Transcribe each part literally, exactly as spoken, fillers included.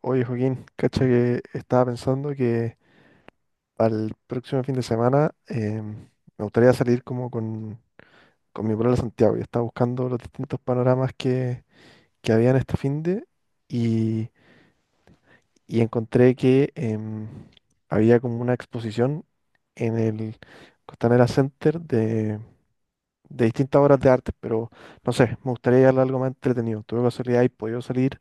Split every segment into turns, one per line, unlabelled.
Oye, Joaquín, cacha que estaba pensando que para el próximo fin de semana em, me gustaría salir como con, con mi pueblo a Santiago. Yo estaba buscando los distintos panoramas que, que había en este fin de y, y encontré que em, había como una exposición en el Costanera Center de, de distintas obras de arte, pero no sé, me gustaría llevarla algo más entretenido. ¿Tuve casualidad y podido salir?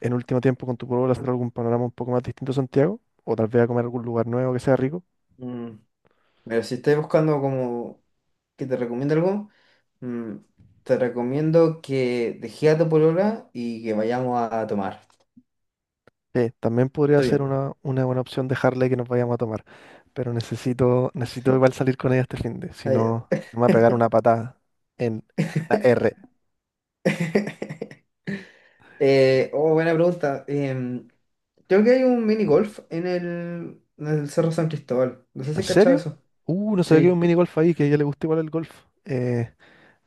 En último tiempo con tu pueblo hacer algún panorama un poco más distinto a Santiago, o tal vez a comer a algún lugar nuevo que sea rico.
Mm, Pero si estás buscando como que te recomiende algo, mm, te recomiendo que dejes a tu polola y que vayamos a tomar.
Eh, también podría ser
Tuyo
una, una buena opción dejarle que nos vayamos a tomar. Pero
Sí.
necesito, necesito igual salir con ella este fin de, si
Ah, ya.
no, si no me va a pegar una patada en la R.
Eh, oh, buena pregunta. Em, creo que hay un mini golf en el, en el Cerro San Cristóbal. No sé si
¿En
has cachado
serio?
eso.
Uh, no sabía
Sí,
que había un
p-
mini golf ahí, que a ella le gusta igual el golf. Eh,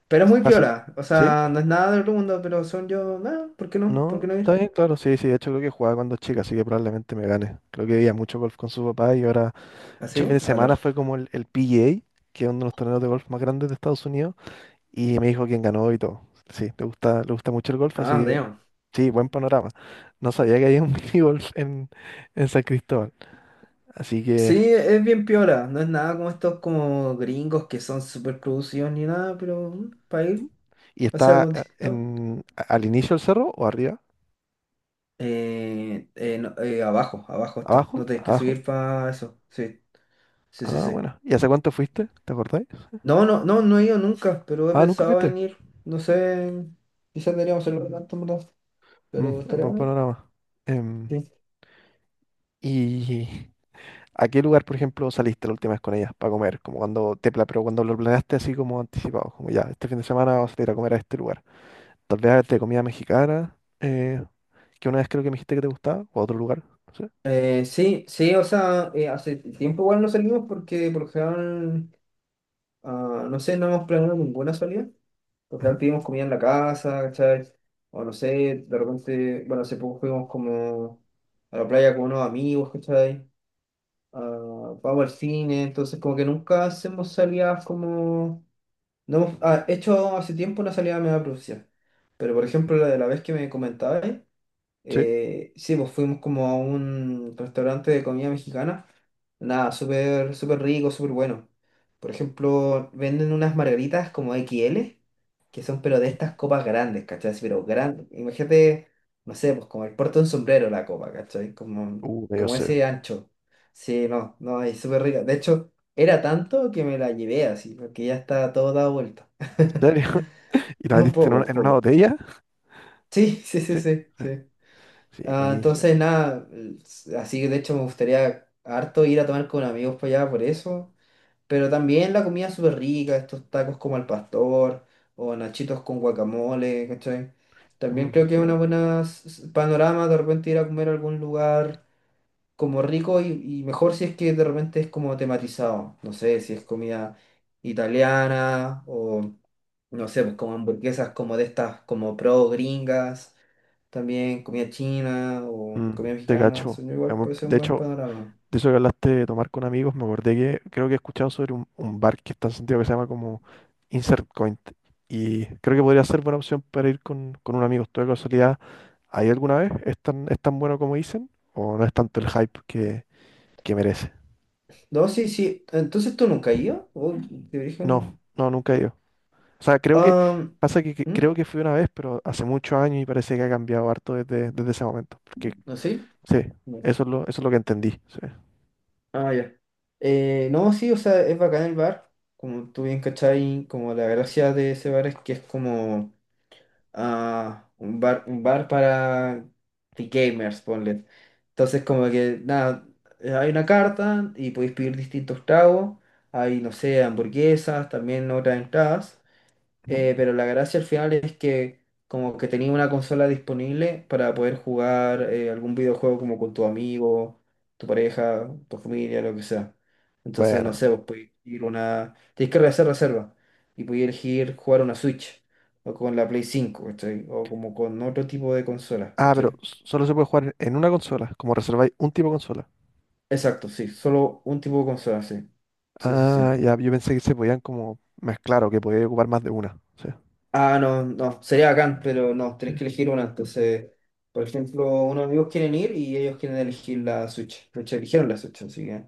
pero es muy
pasa-
piola. O
¿Sí?
sea, no es nada del otro mundo, pero son yo. Nada, ¿por qué no? ¿Por qué
¿No?
no
¿Está
ir?
bien? Claro, sí, sí. De hecho, creo que jugaba cuando chica, así que probablemente me gane. Creo que veía mucho golf con su papá y ahora
¿Así?
yo el
¿Ah,
fin de
sí? A
semana
los.
fue como el, el P G A, que es uno de los torneos de golf más grandes de Estados Unidos, y me dijo quién ganó y todo. Sí, le gusta, le gusta mucho el golf, así
Ah,
que
damn.
sí, buen panorama. No sabía que había un mini golf en, en San Cristóbal. Así que.
Sí, es bien piola, no es nada como estos como gringos que son súper producidos ni nada, pero mm, para
¿Mm?
ir
¿Y
a hacer
está
algo
eh,
distinto.
en, a- al inicio del cerro o arriba?
Eh, eh, no, eh, abajo, abajo está,
¿Abajo?
no tenés que
¿Abajo?
subir para eso, sí, sí, sí,
Ah,
sí.
bueno. ¿Y hace cuánto fuiste? ¿Te acordáis?
No, no, no, no he ido nunca, pero he
Ah, ¿nunca
pensado
fuiste?
en ir, no sé, quizás deberíamos hacerlo pronto, en verdad,
Mm,
pero
es
estaría
buen
bueno.
panorama. Em,
Sí.
y ¿a qué lugar, por ejemplo, saliste la última vez con ellas para comer? Como cuando te pla- pero cuando lo planeaste así como anticipado, como ya, este fin de semana vas a ir a comer a este lugar. Tal vez de comida mexicana, eh, que una vez creo que me dijiste que te gustaba, o a otro lugar, no sé.
Eh, sí, sí, o sea, eh, hace tiempo igual no salimos porque por lo general, ah, no sé, no hemos planeado ninguna salida. Total,
Ujú.
pedimos comida en la casa, ¿cachai? O no sé, de repente, bueno, hace poco fuimos como a la playa con unos amigos, ¿cachai? Ah, vamos al cine, entonces como que nunca hacemos salidas como... No hemos ah, hecho hace tiempo una salida media profesional, pero por ejemplo la de la vez que me comentabas,
Sí.
eh, sí, pues fuimos como a un restaurante de comida mexicana. Nada, súper, súper rico, súper bueno. Por ejemplo, venden unas margaritas como X L, que son pero de estas copas grandes, ¿cachai? Así, pero grandes. Imagínate, no sé, pues como el puerto de un sombrero la copa, ¿cachai? Como,
Uh, me dio
como
sed.
ese ancho. Sí, no, no, es súper rica. De hecho, era tanto que me la llevé así, porque ya está todo dado vuelta.
¿En serio? ¿Y la
Un
metiste en
poco,
una,
un
en una
poco.
botella?
Sí, sí, sí,
Sí.
sí,
Sí,
sí.
sí,
Ah,
buenísima.
entonces, nada, así que de hecho me gustaría harto ir a tomar con amigos para allá por eso. Pero también la comida súper rica, estos tacos como al pastor o nachitos con guacamole, ¿cachai? También
Mm,
creo que
sí.
es una buena s- s- panorama de repente ir a comer a algún lugar como rico y, y mejor si es que de repente es como tematizado. No sé, si es comida italiana o no sé, pues como hamburguesas como de estas como pro gringas también comida china o
Mm,
comida
te
mexicana,
cacho.
son
Es
igual,
muy-
puede ser un
De
buen
hecho,
panorama.
de eso que hablaste de tomar con amigos, me acordé que creo que he escuchado sobre un, un bar que está en Santiago que se llama como Insert Coin. Y creo que podría ser buena opción para ir con, con un amigo. ¿Tú de casualidad ahí alguna vez? ¿Es tan, es tan bueno como dicen? ¿O no es tanto el hype que, que merece?
No, sí, sí. Entonces tú nunca has ido o de origen
No,
no.
no, nunca he ido. O sea, creo que
Ah,
pasa que, que
¿mm?
creo que fui una vez, pero hace muchos años y parece que ha cambiado harto desde, desde ese momento. Porque
¿No sí?
sí,
No.
eso es lo, eso es lo que entendí. Sí.
Ah, ya. Eh, no, sí, o sea, es bacán el bar. Como tú bien cachai, como la gracia de ese bar es que es como ah, un bar, un bar para gamers, ponle. Entonces, como que, nada, eh, hay una carta y podéis pedir distintos tragos. Hay, no sé, hamburguesas, también otras entradas.
Ujú.
Eh, pero la gracia al final es que como que tenía una consola disponible para poder jugar eh, algún videojuego como con tu amigo, tu pareja, tu familia, lo que sea. Entonces, no
Buena.
sé, vos podés ir una... Tenés que hacer reserva y podés elegir jugar una Switch o con la Play cinco, ¿cachai? O como con otro tipo de consola,
Ah, pero
¿cachai?
s- solo se puede jugar en una consola, como reserváis un tipo de consola.
Exacto, sí, solo un tipo de consola, sí. Sí, sí,
Ah,
sí.
ya, yo pensé que se podían como mezclar o que podía ocupar más de una. Sí,
Ah, no, no, sería bacán, pero no,
sí.
tenés que elegir una. Entonces, por ejemplo, unos amigos quieren ir y ellos quieren elegir la Switch. De hecho, eligieron la Switch, así que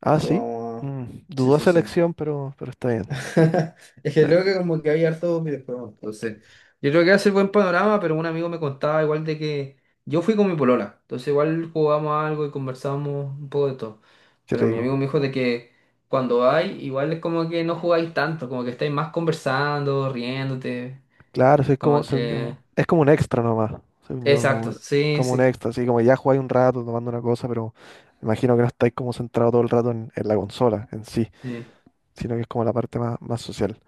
Ah,
eso
sí.
vamos a...
Mm,
Sí, sí,
dudosa
sí.
elección, pero, pero está bien.
Es
Está
que creo
bien.
que como que había hartos videojuegos, entonces yo creo que hace buen panorama, pero un amigo me contaba igual de que yo fui con mi polola, entonces igual jugamos algo y conversamos un poco de todo,
Qué
pero mi amigo
rico.
me dijo de que cuando vais igual es como que no jugáis tanto, como que estáis más conversando, riéndote,
Claro, sí, es como,
como
según yo,
que...
es como un extra nomás. Según yo,
Exacto,
como,
sí,
como un
sí.
extra, así como ya jugáis un rato tomando una cosa, pero imagino que no estáis como centrado todo el rato en, en la consola en sí,
sí.
sino que es como la parte más, más social.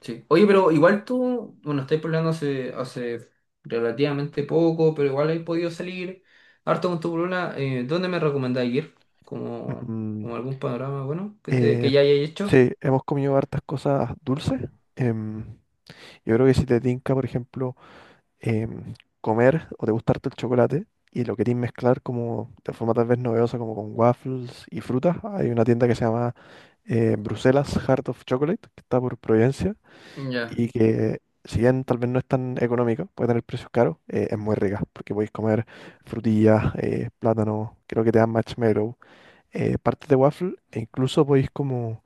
Sí. Oye, pero igual tú, bueno, estáis pololeando hace, hace relativamente poco, pero igual he podido salir harto con tu polola. Eh, ¿dónde me recomendáis ir? Como,
Mm.
como algún panorama bueno que, te, que
Eh,
ya hayáis hecho.
sí, hemos comido hartas cosas dulces. Em, yo creo que si te tinca, por ejemplo, em, comer o te gusta harto el chocolate y lo querís mezclar como de forma tal vez novedosa, como con waffles y frutas, hay una tienda que se llama eh, Bruselas Heart of Chocolate, que está por Providencia,
Ya.
y que si bien tal vez no es tan económica, puede tener precios caros, eh, es muy rica, porque podéis comer frutillas, eh, plátano, creo que te dan marshmallow, eh, partes de waffle, e incluso podéis como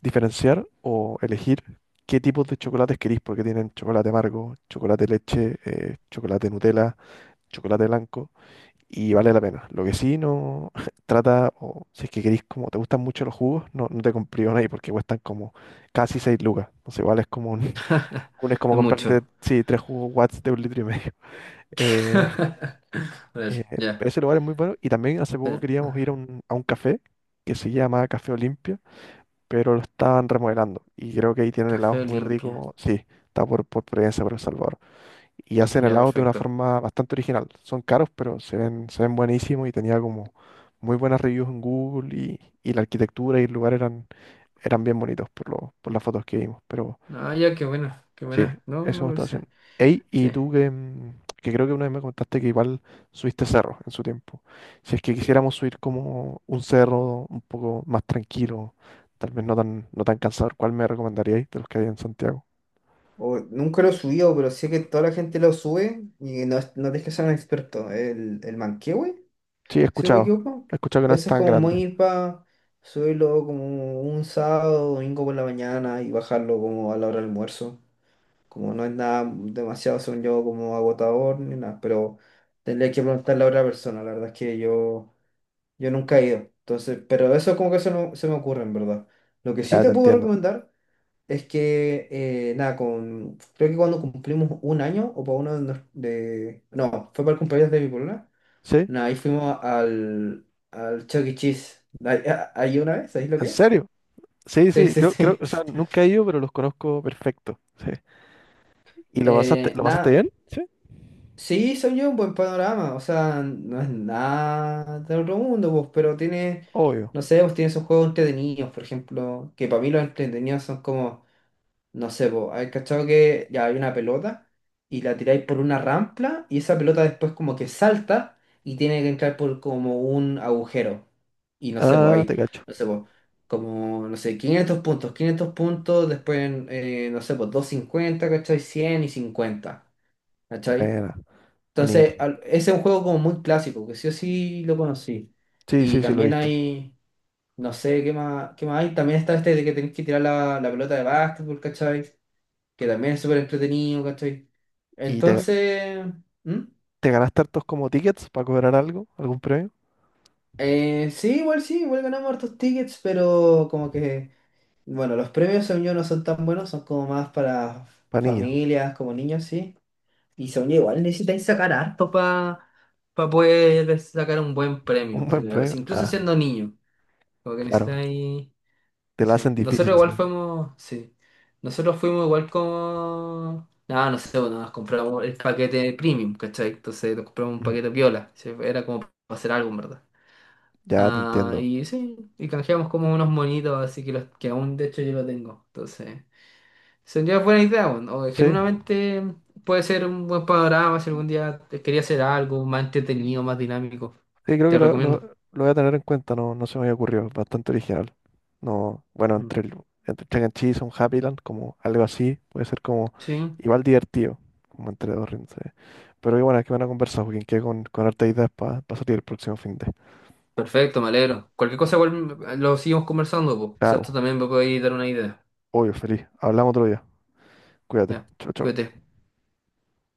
diferenciar o elegir qué tipos de chocolates queréis, porque tienen chocolate amargo, chocolate leche, eh, chocolate Nutella, chocolate blanco, y vale la pena. Lo que sí no trata, o si es que queréis, como te gustan mucho los jugos, no, no te complican ahí, porque cuestan como casi seis lucas. Entonces igual es como un, un- es como
Es mucho.
comprarte, sí, tres jugos Watts de un litro y medio. Eh,
A
eh,
ver, ya.
Ese lugar es muy bueno, y también hace poco
Espera.
queríamos ir a un, a un café que se llama Café Olimpia pero lo estaban remodelando. Y creo que ahí tienen
Café
helados muy
Olimpia.
ricos. Sí, está por, por Providencia, por El Salvador. Y hacen
Ya,
helados de una
perfecto.
forma bastante original. Son caros, pero se ven, se ven buenísimos y tenía como muy buenas reviews en Google y, y la arquitectura y el lugar eran, eran bien bonitos por, lo, por las fotos que vimos. Pero
Ah, ya, qué buena, qué
sí,
buena. No,
eso
me
me estaba
parece.
haciendo. Ey,
Sí.
y tú que, mm, que creo que una vez me contaste que igual subiste cerro en su tiempo. Si es que quisiéramos subir como un cerro un poco más tranquilo, tal vez no tan, no tan cansador, ¿cuál me recomendaríais de los que hay en Santiago?
O- nunca lo he subido, pero sé que toda la gente lo sube y no, es- no tienes que ser un experto. El, el Manquehue.
Sí, he
Si no me
escuchado.
equivoco,
He escuchado que no es
eso es
tan
como
grande.
muy para subirlo como un sábado, domingo por la mañana y bajarlo como a la hora del almuerzo. Como no es nada demasiado, según yo, como agotador ni nada, pero tendría que preguntarle a otra persona. La verdad es que yo, yo nunca he ido. Entonces, pero eso como que se, no- se me ocurre, en verdad. Lo que sí
Ya
te
te
puedo
entiendo.
recomendar es que, eh, nada, con, creo que cuando cumplimos un año o para uno de, nos- de- No, fue para el cumpleaños de mi polola
¿Sí?
no, ahí fuimos al, al Chuck E. Cheese. ¿Ahí ah, ahí una vez? ¿Sabéis lo
¿En
que es?
serio? Sí,
Sí,
sí,
sí,
creo, creo,
sí.
o sea, nunca he ido, pero los conozco perfecto. Sí. ¿Y lo pasaste,
Eh,
lo pasaste
nada,
bien? Sí.
sí, son yo un buen panorama. O sea, no es nada de otro mundo, pues, pero tiene,
Obvio.
no sé, pues tiene esos juegos entretenidos, por ejemplo, que para mí los entretenidos son como No sé, vos, hay cachado que ya hay una pelota y la tiráis por una rampla y esa pelota después como que salta y tiene que entrar por como un agujero. Y no sé, pues
Ah, te
ahí,
cacho.
no sé, pues como, no sé, quinientos puntos, quinientos puntos, después, eh, no sé, pues doscientos cincuenta ¿cachai? cien y cincuenta ¿cachai?
Buena,
Entonces,
buenísimo.
al- ese es un juego como muy clásico, que sí o sí lo conocí.
Sí,
Y
sí, sí, lo he
también
visto.
hay, no sé, ¿qué más, qué más hay? También está este de que tenés que tirar la, la pelota de básquetbol, ¿cachai? Que también es súper entretenido, ¿cachai?
Y te,
Entonces, ¿Mm?
¿te ganaste hartos como tickets para cobrar algo? ¿Algún premio?
Eh, sí, igual sí, igual ganamos hartos tickets, pero como que, bueno, los premios según yo no son tan buenos, son como más para
Para niños.
familias, como niños, sí. Y según yo igual necesitáis sacar harto para poder sacar un buen premio,
¿Un buen
según yo,
premio?
si- incluso
Ah,
siendo niño, como que
claro.
necesitáis...
Te la hacen
Sí, nosotros
difícil. Sí.
igual fuimos, sí, nosotros fuimos igual como, nada, no sé, bueno, nos compramos el paquete premium, ¿cachai? Entonces nos compramos un
Ujú.
paquete piola, sí, era como para hacer algo, en ¿verdad?
Ya te
Ah,
entiendo.
y sí, y canjeamos como unos monitos, así que los que aún de hecho yo lo tengo, entonces, sería buena idea, bueno, o
Sí,
genuinamente puede ser un buen panorama si algún día te quería hacer algo más entretenido, más dinámico,
sí, creo que
te
lo, lo-
recomiendo.
lo voy a tener en cuenta. No, no se me había ocurrido. Bastante original. No, bueno,
Mm.
entre el, entre Chuck E. Cheese, un Happyland, como algo así, puede ser como
Sí,
igual divertido, como entre dos rindes. Sí. Pero qué buena, van a conversar Joaquín, que con, con hartas ideas para salir el próximo fin de.
Perfecto, me alegro. Cualquier cosa igual eh, lo seguimos conversando, pues. Quizás tú
Claro,
también me puedes dar una idea.
obvio, feliz. Hablamos otro día. Cuídate.
Ya,
Chau, chau.
cuídate.